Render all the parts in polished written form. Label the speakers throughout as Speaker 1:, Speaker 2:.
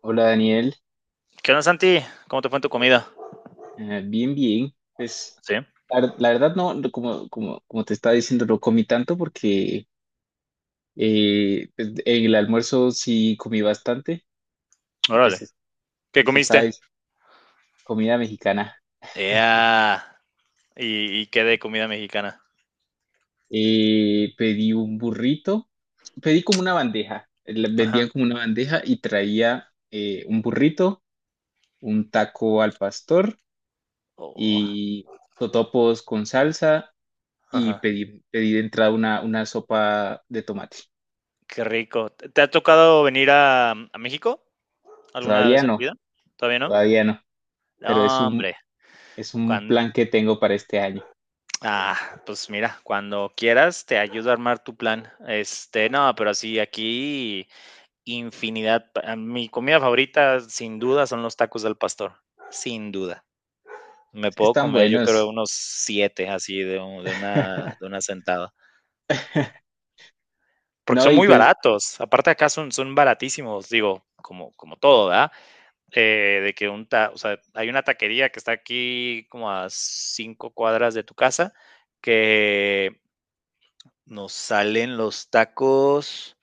Speaker 1: Hola Daniel.
Speaker 2: ¿Qué onda, Santi? ¿Cómo te fue en tu comida?
Speaker 1: Bien, bien. Pues
Speaker 2: Sí,
Speaker 1: la verdad no, no, como te estaba diciendo, no comí tanto porque pues, en el almuerzo sí comí bastante y pues,
Speaker 2: órale. ¿Qué
Speaker 1: pues esta
Speaker 2: comiste?
Speaker 1: vez comida mexicana.
Speaker 2: Ya. ¿Y qué de comida mexicana?
Speaker 1: Pedí un burrito, pedí como una bandeja,
Speaker 2: Ajá.
Speaker 1: vendían como una bandeja y traía un burrito, un taco al pastor
Speaker 2: Oh,
Speaker 1: y totopos con salsa y
Speaker 2: ajá.
Speaker 1: pedí de entrada una sopa de tomate.
Speaker 2: Qué rico. ¿Te ha tocado venir a México alguna
Speaker 1: Todavía
Speaker 2: vez en tu
Speaker 1: no,
Speaker 2: vida? ¿Todavía no?
Speaker 1: todavía no,
Speaker 2: No,
Speaker 1: pero
Speaker 2: hombre.
Speaker 1: es un
Speaker 2: Cuan-
Speaker 1: plan que tengo para este año.
Speaker 2: ah, pues mira, cuando quieras te ayudo a armar tu plan. Este, no, pero sí, aquí infinidad. Mi comida favorita, sin duda, son los tacos del pastor. Sin duda. Me
Speaker 1: Es que
Speaker 2: puedo
Speaker 1: están
Speaker 2: comer, yo creo,
Speaker 1: buenos.
Speaker 2: unos 7 así de una sentada, porque
Speaker 1: No,
Speaker 2: son
Speaker 1: y
Speaker 2: muy
Speaker 1: pues,
Speaker 2: baratos. Aparte acá son baratísimos, digo, como todo, ¿verdad? De que un ta o sea, hay una taquería que está aquí como a 5 cuadras de tu casa, que nos salen los tacos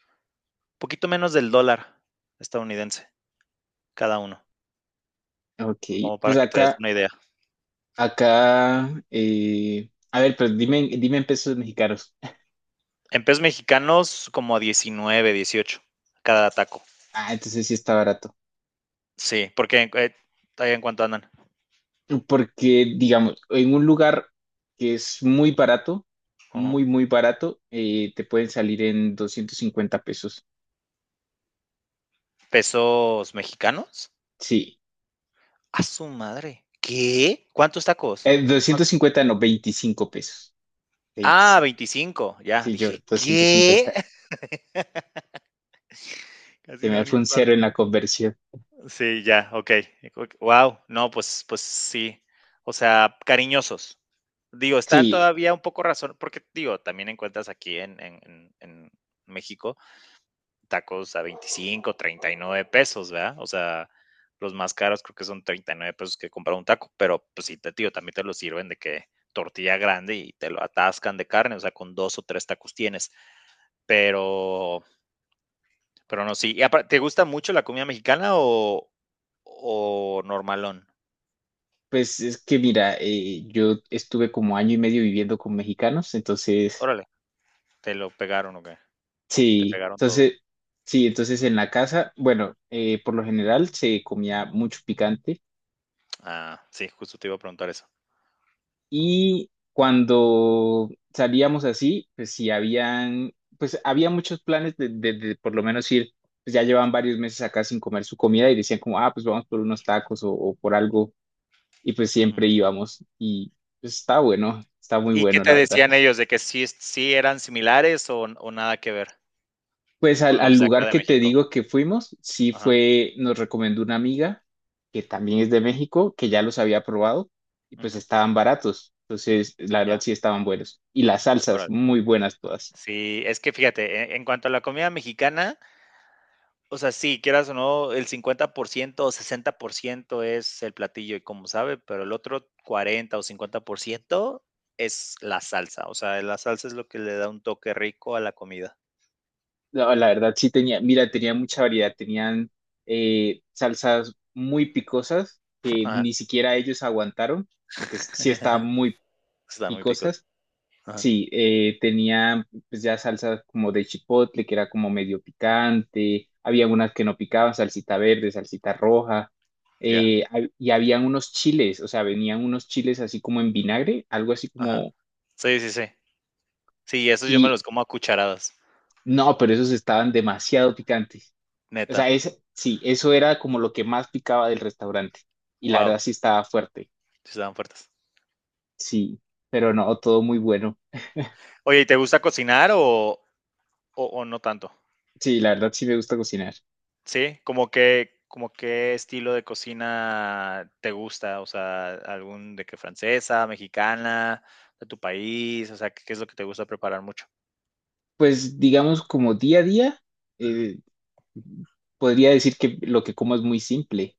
Speaker 2: poquito menos del dólar estadounidense cada uno,
Speaker 1: ok,
Speaker 2: como para
Speaker 1: pues
Speaker 2: que te des
Speaker 1: acá,
Speaker 2: una idea.
Speaker 1: acá, a ver, pues dime en pesos mexicanos.
Speaker 2: En pesos mexicanos, como a 19 18 cada taco.
Speaker 1: Ah, entonces sí está barato.
Speaker 2: Sí, porque ahí en cuánto andan.
Speaker 1: Porque, digamos, en un lugar que es muy barato,
Speaker 2: Ujú.
Speaker 1: muy barato, te pueden salir en 250 pesos.
Speaker 2: ¿Pesos mexicanos?
Speaker 1: Sí,
Speaker 2: A su madre. ¿Qué? ¿Cuántos tacos?
Speaker 1: 250 no, 25 pesos.
Speaker 2: Ah, ah,
Speaker 1: 25.
Speaker 2: 25. Ya,
Speaker 1: Sí, yo,
Speaker 2: dije,
Speaker 1: 250.
Speaker 2: ¿qué? Casi
Speaker 1: Se
Speaker 2: me da
Speaker 1: me
Speaker 2: un
Speaker 1: fue un cero en
Speaker 2: infarto.
Speaker 1: la conversión.
Speaker 2: Sí, ya, ok. Wow, no, pues, pues sí. O sea, cariñosos. Digo, están
Speaker 1: Sí,
Speaker 2: todavía un poco razón, porque digo, también encuentras aquí en México tacos a 25 39 pesos, ¿verdad? O sea, los más caros creo que son 39 pesos que comprar un taco, pero pues sí, te, tío, también te lo sirven de que tortilla grande y te lo atascan de carne, o sea, con dos o tres tacos tienes, pero, pero no, sí. ¿Te gusta mucho la comida mexicana o normalón?
Speaker 1: pues es que mira, yo estuve como año y medio viviendo con mexicanos, entonces,
Speaker 2: Órale, te lo pegaron o qué, te
Speaker 1: sí,
Speaker 2: pegaron todo.
Speaker 1: entonces, sí, entonces en la casa, bueno, por lo general se comía mucho picante
Speaker 2: Ah, sí, justo te iba a preguntar eso.
Speaker 1: y cuando salíamos así, pues sí, habían, pues había muchos planes de por lo menos ir, pues ya llevaban varios meses acá sin comer su comida y decían como, ah, pues vamos por unos tacos o por algo y pues
Speaker 2: Ujú.
Speaker 1: siempre íbamos y pues, está bueno, está muy
Speaker 2: ¿Y qué
Speaker 1: bueno
Speaker 2: te
Speaker 1: la verdad.
Speaker 2: decían ellos de que sí, sí eran similares o nada que ver
Speaker 1: Pues
Speaker 2: con
Speaker 1: al
Speaker 2: los de acá
Speaker 1: lugar
Speaker 2: de
Speaker 1: que te
Speaker 2: México?
Speaker 1: digo que fuimos, sí
Speaker 2: Ajá,
Speaker 1: fue, nos recomendó una amiga que también es de México, que ya los había probado y pues
Speaker 2: ujú,
Speaker 1: estaban baratos, entonces la verdad
Speaker 2: ya,
Speaker 1: sí estaban buenos y las salsas
Speaker 2: órale.
Speaker 1: muy buenas todas.
Speaker 2: Sí, es que fíjate, en cuanto a la comida mexicana, o sea, sí, quieras o no, el 50% o 60% es el platillo y como sabe, pero el otro 40 o 50% es la salsa, o sea, la salsa es lo que le da un toque rico a la comida.
Speaker 1: La verdad sí tenía, mira, tenía mucha variedad, tenían salsas muy picosas que
Speaker 2: Ajá.
Speaker 1: ni siquiera ellos aguantaron porque sí estaban muy
Speaker 2: Están muy picos.
Speaker 1: picosas.
Speaker 2: Ajá,
Speaker 1: Sí, tenía pues ya salsa como de chipotle, que era como medio picante, había unas que no picaban, salsita verde, salsita roja,
Speaker 2: ya,
Speaker 1: y habían unos chiles, o sea, venían unos chiles así como en vinagre, algo así
Speaker 2: ajá.
Speaker 1: como,
Speaker 2: Sí, sí, sí. Sí, esos yo me
Speaker 1: y
Speaker 2: los como a cucharadas,
Speaker 1: no, pero esos estaban demasiado picantes. O sea,
Speaker 2: neta.
Speaker 1: es, sí, eso era como lo que más picaba del restaurante, y la
Speaker 2: Wow,
Speaker 1: verdad sí estaba fuerte,
Speaker 2: sí estaban fuertes.
Speaker 1: sí, pero no, todo muy bueno.
Speaker 2: Oye, ¿y te gusta cocinar o no tanto?
Speaker 1: Sí, la verdad sí me gusta cocinar.
Speaker 2: Sí, como que como qué estilo de cocina te gusta, o sea, algún de que francesa, mexicana, de tu país, o sea, ¿qué es lo que te gusta preparar mucho?
Speaker 1: Pues digamos como día a día.
Speaker 2: Ujú,
Speaker 1: eh, Podría decir que lo que como es muy simple,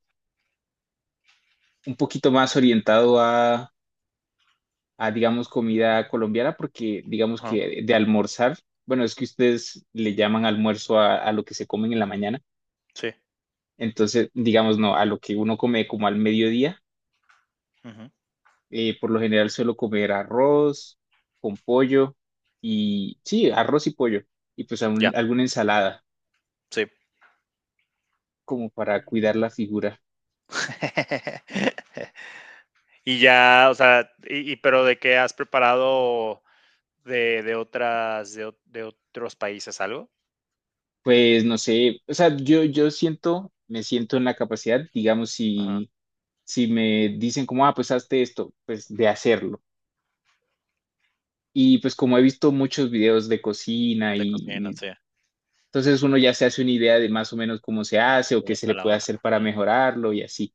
Speaker 1: un poquito más a, digamos, comida colombiana, porque digamos
Speaker 2: ajá,
Speaker 1: que de almorzar, bueno, es que ustedes le llaman almuerzo a lo que se comen en la mañana,
Speaker 2: sí,
Speaker 1: entonces, digamos, no, a lo que uno come como al mediodía,
Speaker 2: ujú,
Speaker 1: por lo general suelo comer arroz con pollo y, sí, arroz y pollo, y pues
Speaker 2: ya,
Speaker 1: alguna ensalada,
Speaker 2: sí.
Speaker 1: como para cuidar la figura.
Speaker 2: Y ya, o sea, y pero, ¿de qué has preparado de otros países algo?
Speaker 1: Pues no sé, o sea, yo siento, me siento en la capacidad, digamos,
Speaker 2: Ajá,
Speaker 1: si me dicen como, ah, pues hazte esto, pues de hacerlo. Y pues como he visto muchos videos de cocina
Speaker 2: de cocina,
Speaker 1: y
Speaker 2: sí,
Speaker 1: entonces uno ya se hace una idea de más o menos cómo se hace o
Speaker 2: como
Speaker 1: qué se
Speaker 2: hasta
Speaker 1: le
Speaker 2: la
Speaker 1: puede
Speaker 2: hora.
Speaker 1: hacer para mejorarlo y así.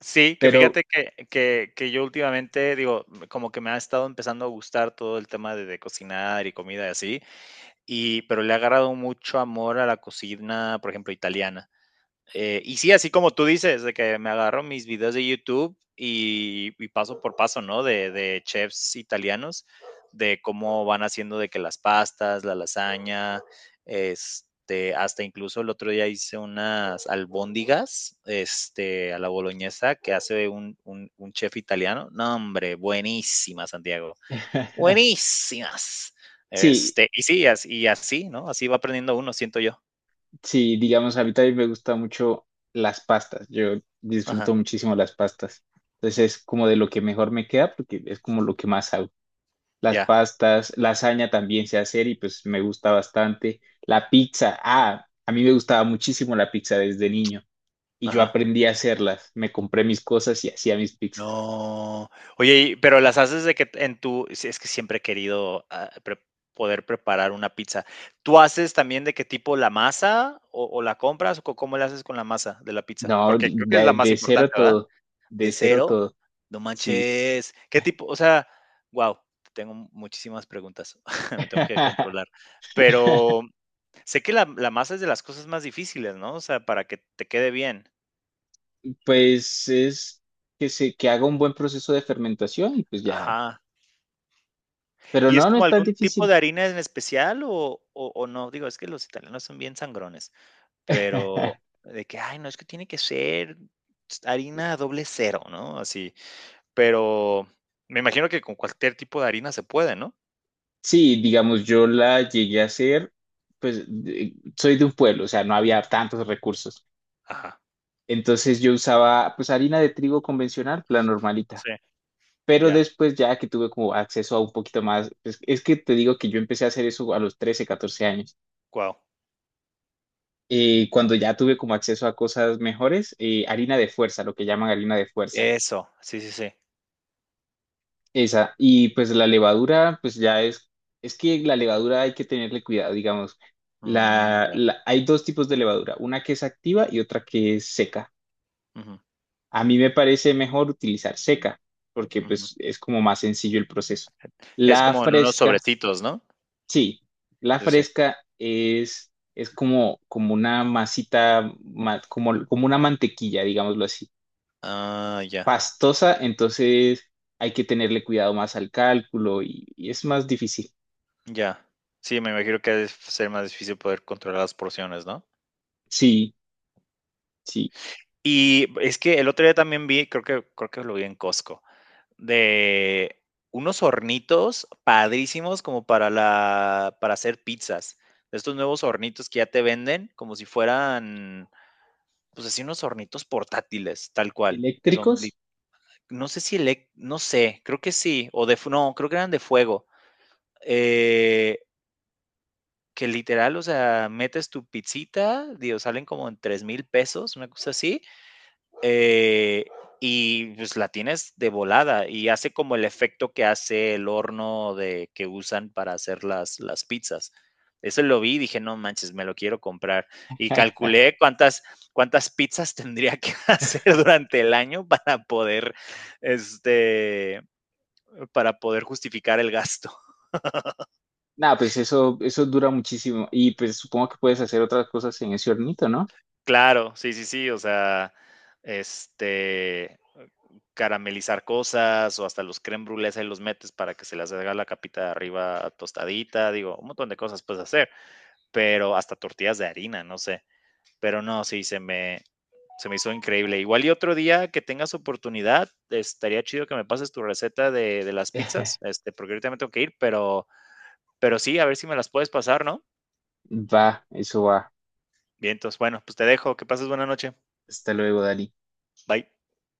Speaker 2: Sí, que
Speaker 1: Pero
Speaker 2: fíjate que yo últimamente, digo, como que me ha estado empezando a gustar todo el tema de cocinar y comida y así, y pero le ha agarrado mucho amor a la cocina, por ejemplo, italiana. Y sí, así como tú dices, de que me agarro mis videos de YouTube y paso por paso, ¿no? De chefs italianos, de cómo van haciendo de que las pastas, la lasaña, este, hasta incluso el otro día hice unas albóndigas, este, a la boloñesa que hace un, chef italiano. No, hombre, buenísimas, Santiago, buenísimas.
Speaker 1: sí,
Speaker 2: Este, y sí, así, y así, ¿no? Así va aprendiendo uno, siento yo.
Speaker 1: sí, digamos, a mí también me gusta mucho las pastas. Yo disfruto
Speaker 2: Ajá,
Speaker 1: muchísimo las pastas. Entonces es como de lo que mejor me queda porque es como lo que más hago. Las
Speaker 2: ya,
Speaker 1: pastas, lasaña también sé hacer y pues me gusta bastante. La pizza, ah, a mí me gustaba muchísimo la pizza desde niño y yo
Speaker 2: ajá.
Speaker 1: aprendí a hacerlas. Me compré mis cosas y hacía mis pizzas.
Speaker 2: No. Oye, y pero las haces de que en tu sí, es que siempre he querido, ah, pre poder preparar una pizza. ¿Tú haces también de qué tipo la masa o la compras, o cómo le haces con la masa de la pizza?
Speaker 1: No,
Speaker 2: Porque creo que es la más importante, ¿verdad? ¿De
Speaker 1: de cero
Speaker 2: cero?
Speaker 1: todo,
Speaker 2: No
Speaker 1: sí.
Speaker 2: manches. ¿Qué tipo? O sea, wow. Tengo muchísimas preguntas. Me tengo que controlar. Pero sé que la masa es de las cosas más difíciles, ¿no? O sea, para que te quede bien.
Speaker 1: Pues es que se, que haga un buen proceso de fermentación y pues ya.
Speaker 2: Ajá.
Speaker 1: Pero
Speaker 2: ¿Y es
Speaker 1: no, no
Speaker 2: como
Speaker 1: es tan
Speaker 2: algún tipo
Speaker 1: difícil.
Speaker 2: de harina en especial o no? Digo, es que los italianos son bien sangrones, pero de que: "Ay, no, es que tiene que ser harina doble cero", ¿no? Así, pero me imagino que con cualquier tipo de harina se puede, ¿no?
Speaker 1: Sí, digamos, yo la llegué a hacer, pues soy de un pueblo, o sea, no había tantos recursos.
Speaker 2: Ajá,
Speaker 1: Entonces yo usaba pues harina de trigo convencional, la normalita.
Speaker 2: sí,
Speaker 1: Pero
Speaker 2: ya,
Speaker 1: después ya que tuve como acceso a un poquito más, es que te digo que yo empecé a hacer eso a los 13, 14 años.
Speaker 2: guau.
Speaker 1: Cuando ya tuve como acceso a cosas mejores, harina de fuerza, lo que llaman harina de fuerza,
Speaker 2: Eso, sí, sí, sí.
Speaker 1: esa. Y pues la levadura, es que la levadura hay que tenerle cuidado, digamos.
Speaker 2: Mm, ya,
Speaker 1: Hay dos tipos de levadura, una que es activa y otra que es seca.
Speaker 2: ujú,
Speaker 1: A mí me parece mejor utilizar seca, porque
Speaker 2: ujú.
Speaker 1: pues es como más sencillo el proceso.
Speaker 2: Es
Speaker 1: La
Speaker 2: como en unos
Speaker 1: fresca,
Speaker 2: sobrecitos, ¿no?
Speaker 1: sí, la
Speaker 2: Sí, sí.
Speaker 1: fresca es, es como, como una masita, como, como una mantequilla, digámoslo así,
Speaker 2: Ah, ya,
Speaker 1: pastosa, entonces hay que tenerle cuidado más al cálculo y es más difícil.
Speaker 2: ya. Sí, me imagino que debe ser más difícil poder controlar las porciones, ¿no?
Speaker 1: Sí, sí.
Speaker 2: Y es que el otro día también vi, creo que lo vi en Costco, de unos hornitos padrísimos como para la, para hacer pizzas. De estos nuevos hornitos que ya te venden, como si fueran, pues así unos hornitos portátiles, tal cual, que son,
Speaker 1: ¿Eléctricos?
Speaker 2: no sé si, no sé, creo que sí, o de, no, creo que eran de fuego. eh, que literal, o sea, metes tu pizzita, digo, salen como en 3,000 pesos, una cosa así. Eh, y pues la tienes de volada y hace como el efecto que hace el horno de, que usan para hacer las pizzas. Eso lo vi y dije, no manches, me lo quiero comprar. Y calculé cuántas, cuántas pizzas tendría que hacer durante el año para poder, este, para poder justificar el gasto.
Speaker 1: Nada, pues eso dura muchísimo y pues supongo que puedes hacer otras cosas en ese hornito, ¿no?
Speaker 2: Claro, sí, sí, sí, o sea, este, caramelizar cosas o hasta los crème brûlés ahí los metes para que se les haga la capita de arriba tostadita, digo, un montón de cosas puedes hacer, pero hasta tortillas de harina, no sé, pero no, sí, se me hizo increíble. Igual y otro día que tengas oportunidad, estaría chido que me pases tu receta de las pizzas, este, porque ahorita me tengo que ir, pero sí, a ver si me las puedes pasar, ¿no?
Speaker 1: Va, eso va.
Speaker 2: Bien, entonces, bueno, pues te dejo, que pases buena noche,
Speaker 1: Hasta luego, Dali.
Speaker 2: bye.